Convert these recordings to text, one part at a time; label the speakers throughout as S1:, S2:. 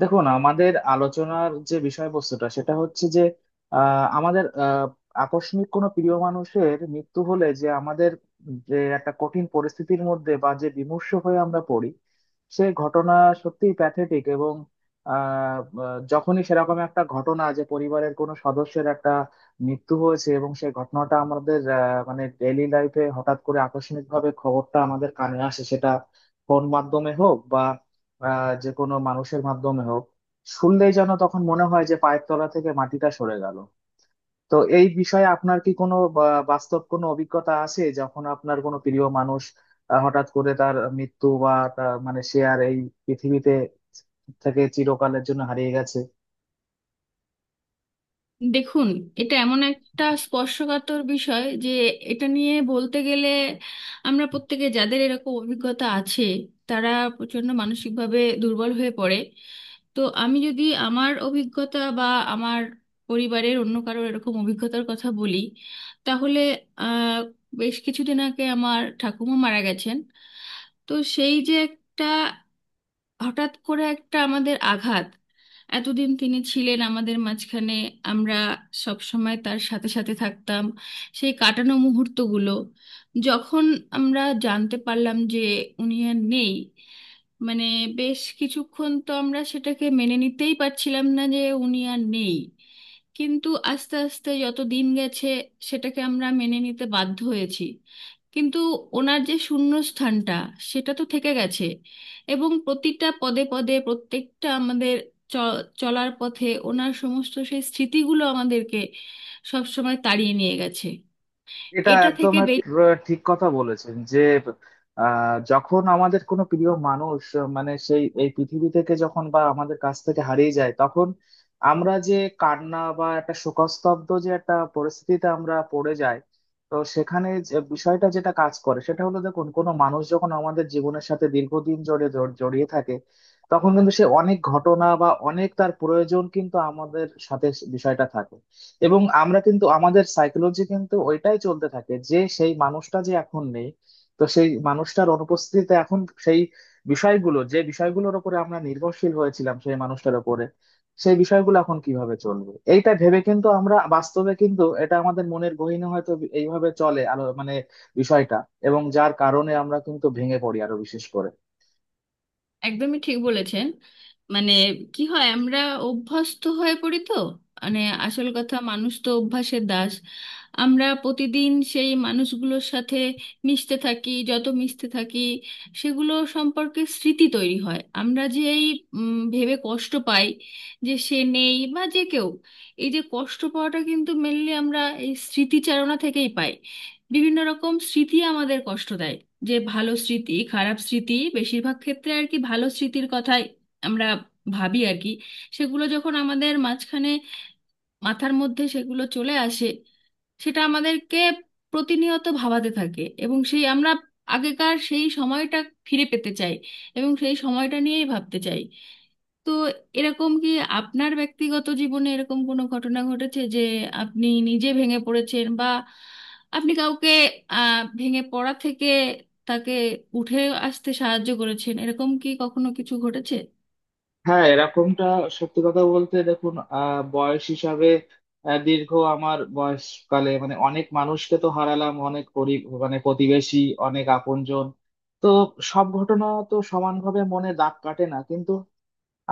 S1: দেখুন, আমাদের আলোচনার যে বিষয়বস্তুটা সেটা হচ্ছে যে আমাদের আকস্মিক কোনো প্রিয় মানুষের মৃত্যু হলে যে আমাদের যে একটা কঠিন পরিস্থিতির মধ্যে বা যে বিমর্ষ হয়ে আমরা পড়ি, সে ঘটনা সত্যিই প্যাথেটিক। এবং আহ, আহ, যখনই সেরকম একটা ঘটনা যে পরিবারের কোনো সদস্যের একটা মৃত্যু হয়েছে এবং সেই ঘটনাটা আমাদের মানে ডেইলি লাইফে হঠাৎ করে আকস্মিক ভাবে খবরটা আমাদের কানে আসে, সেটা ফোন মাধ্যমে হোক, যে কোনো মানুষের মাধ্যমে হোক, শুনলেই যেন তখন মনে হয় যে পায়ের তলা থেকে মাটিটা সরে গেল। তো এই বিষয়ে আপনার কি কোনো বাস্তব কোনো অভিজ্ঞতা আছে, যখন আপনার কোনো প্রিয় মানুষ হঠাৎ করে তার মৃত্যু বা তার মানে সে আর এই পৃথিবীতে থেকে চিরকালের জন্য হারিয়ে গেছে?
S2: দেখুন, এটা এমন একটা স্পর্শকাতর বিষয় যে এটা নিয়ে বলতে গেলে আমরা প্রত্যেকে যাদের এরকম অভিজ্ঞতা আছে, তারা প্রচণ্ড মানসিকভাবে দুর্বল হয়ে পড়ে। তো আমি যদি আমার অভিজ্ঞতা বা আমার পরিবারের অন্য কারোর এরকম অভিজ্ঞতার কথা বলি, তাহলে আহ, বেশ কিছুদিন আগে আমার ঠাকুমা মারা গেছেন। তো সেই যে একটা হঠাৎ করে একটা আমাদের আঘাত, এতদিন তিনি ছিলেন আমাদের মাঝখানে, আমরা সব সময় তার সাথে সাথে থাকতাম, সেই কাটানো মুহূর্তগুলো। যখন আমরা জানতে পারলাম যে উনি আর নেই, মানে বেশ কিছুক্ষণ তো আমরা সেটাকে মেনে নিতেই পারছিলাম না যে উনি আর নেই। কিন্তু আস্তে আস্তে যত দিন গেছে, সেটাকে আমরা মেনে নিতে বাধ্য হয়েছি। কিন্তু ওনার যে শূন্যস্থানটা, সেটা তো থেকে গেছে। এবং প্রতিটা পদে পদে প্রত্যেকটা আমাদের চ চলার পথে ওনার সমস্ত সেই স্মৃতিগুলো আমাদেরকে সবসময় তাড়িয়ে নিয়ে গেছে।
S1: এটা
S2: এটা
S1: একদম
S2: থেকে
S1: ঠিক কথা বলেছেন যে যখন আমাদের কোনো প্রিয় মানুষ মানে সেই এই পৃথিবী থেকে যখন বা আমাদের কাছ থেকে হারিয়ে যায়, তখন আমরা যে কান্না বা একটা শোকস্তব্ধ যে একটা পরিস্থিতিতে আমরা পড়ে যাই। তো সেখানে যে বিষয়টা যেটা কাজ করে সেটা হলো, দেখুন, কোনো মানুষ যখন আমাদের জীবনের সাথে দীর্ঘদিন জড়িয়ে জড়িয়ে থাকে, তখন কিন্তু সে অনেক ঘটনা বা অনেক তার প্রয়োজন কিন্তু আমাদের সাথে বিষয়টা থাকে। এবং আমরা কিন্তু আমাদের সাইকোলজি কিন্তু ওইটাই চলতে থাকে যে সেই মানুষটা যে এখন নেই। তো সেই মানুষটার অনুপস্থিতিতে এখন সেই বিষয়গুলো, যে বিষয়গুলোর উপরে আমরা নির্ভরশীল হয়েছিলাম সেই মানুষটার উপরে, সেই বিষয়গুলো এখন কিভাবে চলবে এইটা ভেবে কিন্তু আমরা বাস্তবে কিন্তু এটা আমাদের মনের গহীনে হয়তো এইভাবে চলে আলো মানে বিষয়টা। এবং যার কারণে আমরা কিন্তু ভেঙে পড়ি আরো বিশেষ করে।
S2: একদমই ঠিক বলেছেন। মানে কি হয়, আমরা অভ্যস্ত হয়ে পড়ি তো। মানে আসল কথা, মানুষ তো অভ্যাসের দাস। আমরা প্রতিদিন সেই মানুষগুলোর সাথে মিশতে থাকি, যত মিশতে থাকি সেগুলো সম্পর্কে স্মৃতি তৈরি হয়। আমরা যে এই ভেবে কষ্ট পাই যে সে নেই বা যে কেউ, এই যে কষ্ট পাওয়াটা কিন্তু মেনলি আমরা এই স্মৃতিচারণা থেকেই পাই। বিভিন্ন রকম স্মৃতি আমাদের কষ্ট দেয়, যে ভালো স্মৃতি, খারাপ স্মৃতি। বেশিরভাগ ক্ষেত্রে আর কি ভালো স্মৃতির কথাই আমরা ভাবি আর কি। সেগুলো যখন আমাদের মাঝখানে মাথার মধ্যে সেগুলো চলে আসে, সেটা আমাদেরকে প্রতিনিয়ত ভাবাতে থাকে এবং সেই আমরা আগেকার সেই সময়টা ফিরে পেতে চাই এবং সেই সময়টা নিয়েই ভাবতে চাই। তো এরকম কি আপনার ব্যক্তিগত জীবনে এরকম কোনো ঘটনা ঘটেছে যে আপনি নিজে ভেঙে পড়েছেন বা আপনি কাউকে ভেঙে পড়া থেকে তাকে উঠে আসতে সাহায্য করেছেন, এরকম কি কখনো কিছু ঘটেছে?
S1: হ্যাঁ, এরকমটা সত্যি কথা বলতে, দেখুন, বয়স হিসাবে দীর্ঘ আমার বয়সকালে মানে অনেক মানুষকে তো হারালাম, অনেক পরি মানে প্রতিবেশী, অনেক আপনজন। তো সব ঘটনা তো সমানভাবে মনে দাগ কাটে না, কিন্তু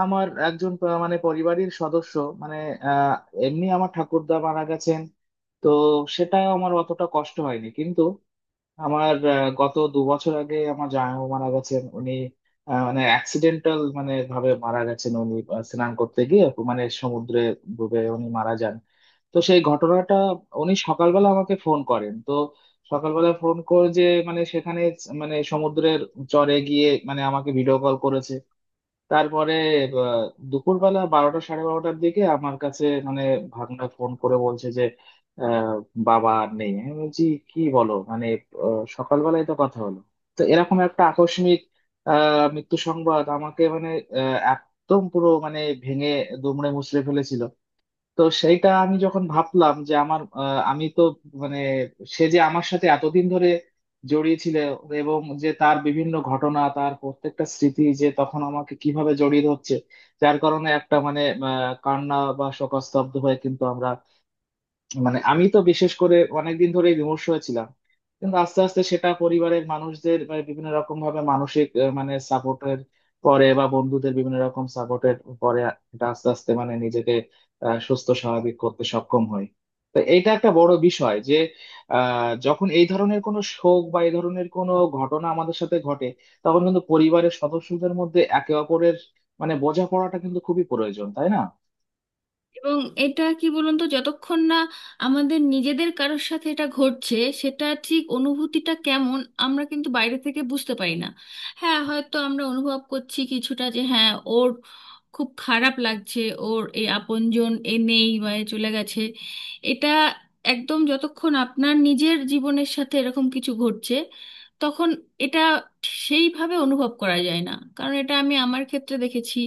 S1: আমার একজন মানে পরিবারের সদস্য মানে আহ এমনি আমার ঠাকুরদা মারা গেছেন। তো সেটাও আমার অতটা কষ্ট হয়নি, কিন্তু আমার গত 2 বছর আগে আমার জামাইবাবু মারা গেছেন। উনি মানে অ্যাক্সিডেন্টাল মানে ভাবে মারা গেছেন। উনি স্নান করতে গিয়ে মানে সমুদ্রে ডুবে উনি মারা যান। তো সেই ঘটনাটা, উনি সকালবেলা আমাকে ফোন করেন তো সকালবেলা ফোন করে যে মানে সেখানে মানে সমুদ্রের চরে গিয়ে মানে আমাকে ভিডিও কল করেছে। তারপরে আহ, দুপুরবেলা 12টা সাড়ে 12টার দিকে আমার কাছে মানে ভাগনা ফোন করে বলছে যে আহ, বাবা আর নেই। আমি বলছি, কি বলো, মানে সকালবেলায় তো কথা হলো। তো এরকম একটা আকস্মিক মৃত্যু সংবাদ আমাকে মানে একদম পুরো মানে ভেঙে দুমড়ে মুচড়ে ফেলেছিল। তো সেইটা আমি যখন ভাবলাম যে আমার আমি তো মানে সে যে আমার সাথে এতদিন ধরে জড়িয়ে ছিল এবং যে তার বিভিন্ন ঘটনা তার প্রত্যেকটা স্মৃতি যে তখন আমাকে কিভাবে জড়িয়ে ধরছে, যার কারণে একটা মানে আহ, কান্না বা শোকস্তব্ধ হয়ে কিন্তু আমরা মানে আমি তো বিশেষ করে অনেকদিন ধরে বিমর্ষ হয়েছিলাম। কিন্তু আস্তে আস্তে সেটা পরিবারের মানুষদের মানে বিভিন্ন রকম ভাবে মানসিক মানে সাপোর্টের পরে বা বন্ধুদের বিভিন্ন রকম সাপোর্টের পরে এটা আস্তে আস্তে মানে নিজেকে সুস্থ স্বাভাবিক করতে সক্ষম হই। তো এইটা একটা বড় বিষয় যে যখন এই ধরনের কোনো শোক বা এই ধরনের কোনো ঘটনা আমাদের সাথে ঘটে, তখন কিন্তু পরিবারের সদস্যদের মধ্যে একে অপরের মানে বোঝাপড়াটা কিন্তু খুবই প্রয়োজন, তাই না?
S2: এবং এটা কি বলুন তো, যতক্ষণ না আমাদের নিজেদের কারোর সাথে এটা ঘটছে, সেটা ঠিক অনুভূতিটা কেমন আমরা কিন্তু বাইরে থেকে বুঝতে পারি না। হ্যাঁ, হয়তো আমরা অনুভব করছি কিছুটা যে হ্যাঁ, ওর খুব খারাপ লাগছে, ওর এই আপনজন এ নেই বা এ চলে গেছে। এটা একদম, যতক্ষণ আপনার নিজের জীবনের সাথে এরকম কিছু ঘটছে, তখন এটা সেইভাবে অনুভব করা যায় না। কারণ এটা আমি আমার ক্ষেত্রে দেখেছি,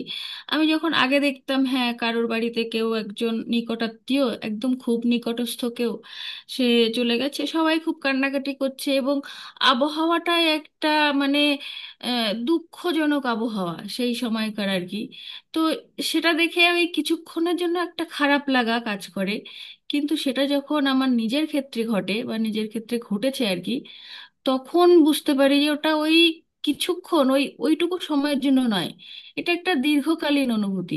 S2: আমি যখন আগে দেখতাম হ্যাঁ কারোর বাড়িতে কেউ একজন নিকটাত্মীয়, একদম খুব নিকটস্থ কেউ সে চলে গেছে, সবাই খুব কান্নাকাটি করছে এবং আবহাওয়াটাই একটা মানে দুঃখজনক আবহাওয়া সেই সময়কার আর কি। তো সেটা দেখে আমি কিছুক্ষণের জন্য একটা খারাপ লাগা কাজ করে। কিন্তু সেটা যখন আমার নিজের ক্ষেত্রে ঘটে বা নিজের ক্ষেত্রে ঘটেছে আর কি, তখন বুঝতে পারি যে ওটা ওই কিছুক্ষণ ওই ওইটুকু সময়ের জন্য নয়, এটা একটা দীর্ঘকালীন অনুভূতি।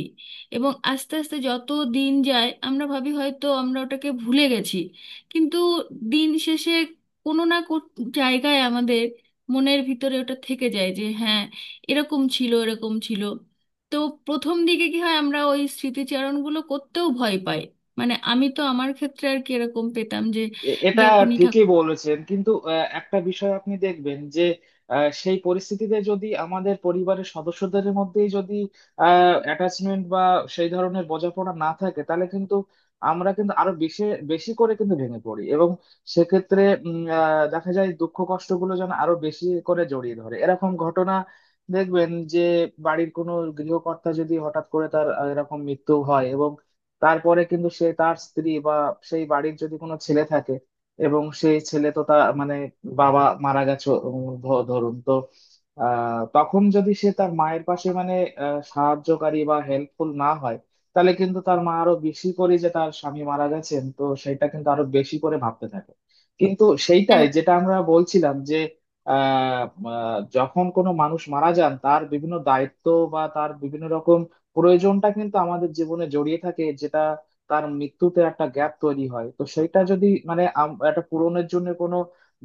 S2: এবং আস্তে আস্তে যত দিন যায়, আমরা ভাবি হয়তো আমরা ওটাকে ভুলে গেছি, কিন্তু দিন শেষে কোনো না জায়গায় আমাদের মনের ভিতরে ওটা থেকে যায় যে হ্যাঁ, এরকম ছিল, এরকম ছিল। তো প্রথম দিকে কি হয়, আমরা ওই স্মৃতিচারণগুলো করতেও ভয় পাই। মানে আমি তো আমার ক্ষেত্রে আর কি এরকম পেতাম যে
S1: এটা
S2: যখনই
S1: ঠিকই
S2: ঠাকুর,
S1: বলেছেন, কিন্তু একটা বিষয় আপনি দেখবেন যে সেই পরিস্থিতিতে যদি আমাদের পরিবারের সদস্যদের মধ্যেই যদি অ্যাটাচমেন্ট বা সেই ধরনের বোঝাপড়া না থাকে, তাহলে কিন্তু আমরা কিন্তু আরো বেশি বেশি করে কিন্তু ভেঙে পড়ি। এবং সেক্ষেত্রে দেখা যায় দুঃখ কষ্টগুলো যেন আরো বেশি করে জড়িয়ে ধরে। এরকম ঘটনা দেখবেন যে বাড়ির কোনো গৃহকর্তা যদি হঠাৎ করে তার এরকম মৃত্যু হয় এবং তারপরে কিন্তু সে তার স্ত্রী বা সেই বাড়ির যদি কোনো ছেলে থাকে, এবং সেই ছেলে তো তার মানে বাবা মারা গেছে, ধরুন তো, তখন যদি সে তার মায়ের পাশে মানে সাহায্যকারী বা হেল্পফুল না হয়, তাহলে কিন্তু তার মা আরো বেশি করে যে তার স্বামী মারা গেছেন তো সেটা কিন্তু আরো বেশি করে ভাবতে থাকে। কিন্তু সেইটাই যেটা আমরা বলছিলাম যে আহ আহ, যখন কোনো মানুষ মারা যান তার বিভিন্ন দায়িত্ব বা তার বিভিন্ন রকম প্রয়োজনটা কিন্তু আমাদের জীবনে জড়িয়ে থাকে, যেটা তার মৃত্যুতে একটা গ্যাপ তৈরি হয়। তো সেটা যদি মানে একটা পূরণের জন্য কোনো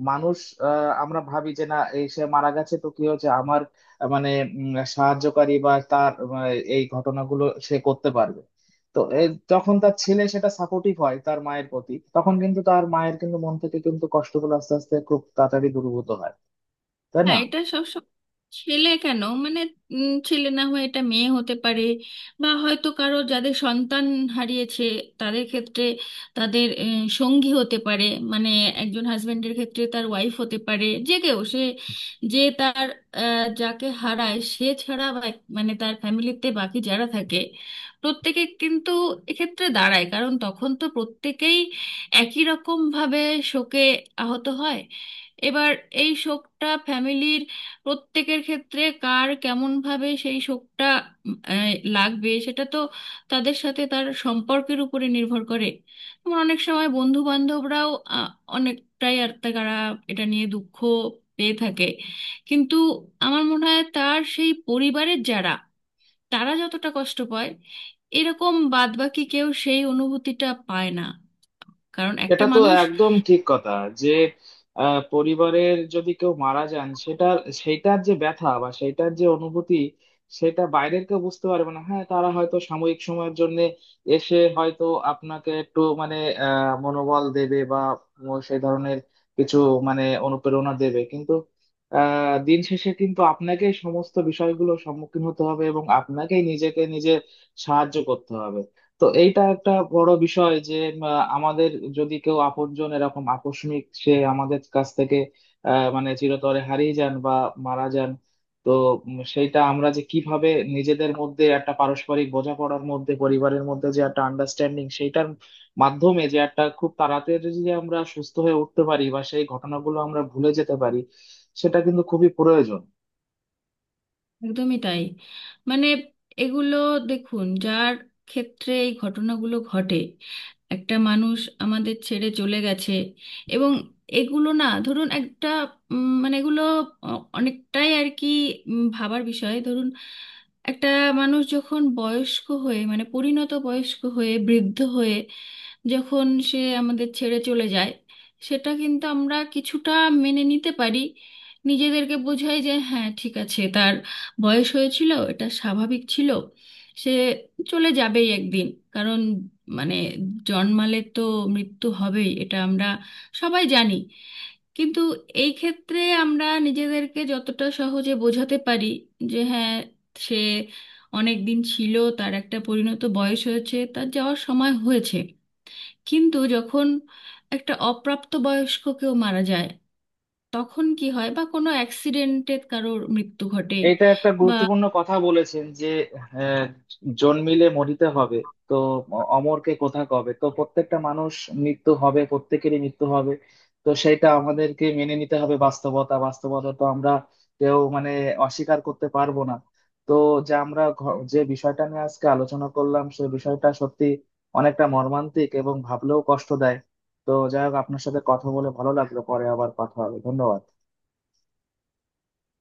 S1: মানুষ আমরা ভাবি যে না, এই সে মারা গেছে তো কি হয়েছে, আমার মানে সাহায্যকারী বা তার এই ঘটনাগুলো সে করতে পারবে। তো যখন তার ছেলে সেটা সাপোর্টিভ হয় তার মায়ের প্রতি, তখন কিন্তু তার মায়ের কিন্তু মন থেকে কিন্তু কষ্টগুলো আস্তে আস্তে খুব তাড়াতাড়ি দূরীভূত হয়, তাই না?
S2: হ্যাঁ এটা সবসময়। ছেলে কেন, মানে ছেলে না হয়ে এটা মেয়ে হতে পারে বা হয়তো কারো যাদের সন্তান হারিয়েছে তাদের ক্ষেত্রে তাদের সঙ্গী হতে পারে। মানে একজন হাজবেন্ডের ক্ষেত্রে তার ওয়াইফ হতে পারে, যে কেউ সে যে তার যাকে হারায় সে ছাড়া বা মানে তার ফ্যামিলিতে বাকি যারা থাকে প্রত্যেকে কিন্তু এক্ষেত্রে দাঁড়ায়। কারণ তখন তো প্রত্যেকেই একই রকম ভাবে শোকে আহত হয়। এবার এই শোকটা ফ্যামিলির প্রত্যেকের ক্ষেত্রে কার কেমন ভাবে সেই শোকটা উম, আহ, লাগবে, সেটা তো তাদের সাথে তার সম্পর্কের উপরে নির্ভর করে। আমার অনেক সময় বন্ধু বান্ধবরাও অনেকটাই আর তারা এটা নিয়ে দুঃখ পেয়ে থাকে। কিন্তু আমার মনে হয় তার সেই পরিবারের যারা, তারা যতটা কষ্ট পায় এরকম বাদবাকি কেউ সেই অনুভূতিটা পায় না, কারণ একটা
S1: এটা তো
S2: মানুষ,
S1: একদম ঠিক কথা যে পরিবারের যদি কেউ মারা যান সেটা, সেটার যে ব্যথা বা সেটার যে অনুভূতি, সেটা বাইরের কেউ বুঝতে পারবে না। হ্যাঁ, তারা হয়তো সাময়িক সময়ের জন্য এসে হয়তো আপনাকে একটু মানে মনোবল দেবে বা সেই ধরনের কিছু মানে অনুপ্রেরণা দেবে, কিন্তু দিন শেষে কিন্তু আপনাকেই সমস্ত বিষয়গুলো সম্মুখীন হতে হবে এবং আপনাকেই নিজেকে নিজে সাহায্য করতে হবে। তো এইটা একটা বড় বিষয় যে আমাদের যদি কেউ আপনজন এরকম আকস্মিক সে আমাদের কাছ থেকে মানে চিরতরে হারিয়ে যান বা মারা যান, তো সেইটা আমরা যে কিভাবে নিজেদের মধ্যে একটা পারস্পরিক বোঝাপড়ার মধ্যে পরিবারের মধ্যে যে একটা আন্ডারস্ট্যান্ডিং, সেইটার মাধ্যমে যে একটা খুব তাড়াতাড়ি যদি আমরা সুস্থ হয়ে উঠতে পারি বা সেই ঘটনাগুলো আমরা ভুলে যেতে পারি, সেটা কিন্তু খুবই প্রয়োজন।
S2: একদমই তাই। মানে এগুলো, দেখুন যার ক্ষেত্রে এই ঘটনাগুলো ঘটে, একটা মানুষ আমাদের ছেড়ে চলে গেছে এবং এগুলো না ধরুন একটা মানে এগুলো অনেকটাই আর কি ভাবার বিষয়। ধরুন একটা মানুষ যখন বয়স্ক হয়ে মানে পরিণত বয়স্ক হয়ে বৃদ্ধ হয়ে যখন সে আমাদের ছেড়ে চলে যায়, সেটা কিন্তু আমরা কিছুটা মেনে নিতে পারি। নিজেদেরকে বোঝাই যে হ্যাঁ ঠিক আছে, তার বয়স হয়েছিল, এটা স্বাভাবিক ছিল, সে চলে যাবেই একদিন। কারণ মানে জন্মালে তো মৃত্যু হবেই, এটা আমরা সবাই জানি। কিন্তু এই ক্ষেত্রে আমরা নিজেদেরকে যতটা সহজে বোঝাতে পারি যে হ্যাঁ, সে অনেক দিন ছিল, তার একটা পরিণত বয়স হয়েছে, তার যাওয়ার সময় হয়েছে, কিন্তু যখন একটা অপ্রাপ্ত বয়স্ক কেউ মারা যায় তখন কি হয়, বা কোনো অ্যাক্সিডেন্টে কারোর মৃত্যু ঘটে
S1: এটা একটা
S2: বা
S1: গুরুত্বপূর্ণ কথা বলেছেন যে আহ, জন্মিলে মরিতে হবে। তো অমরকে কোথা কবে, তো প্রত্যেকটা মানুষ মৃত্যু হবে, প্রত্যেকেরই মৃত্যু হবে। তো সেটা আমাদেরকে মেনে নিতে হবে, বাস্তবতা, বাস্তবতা তো আমরা কেউ মানে অস্বীকার করতে পারবো না। তো যে আমরা যে বিষয়টা নিয়ে আজকে আলোচনা করলাম, সেই বিষয়টা সত্যি অনেকটা মর্মান্তিক এবং ভাবলেও কষ্ট দেয়। তো যাই হোক, আপনার সাথে কথা বলে ভালো লাগলো, পরে আবার কথা হবে, ধন্যবাদ।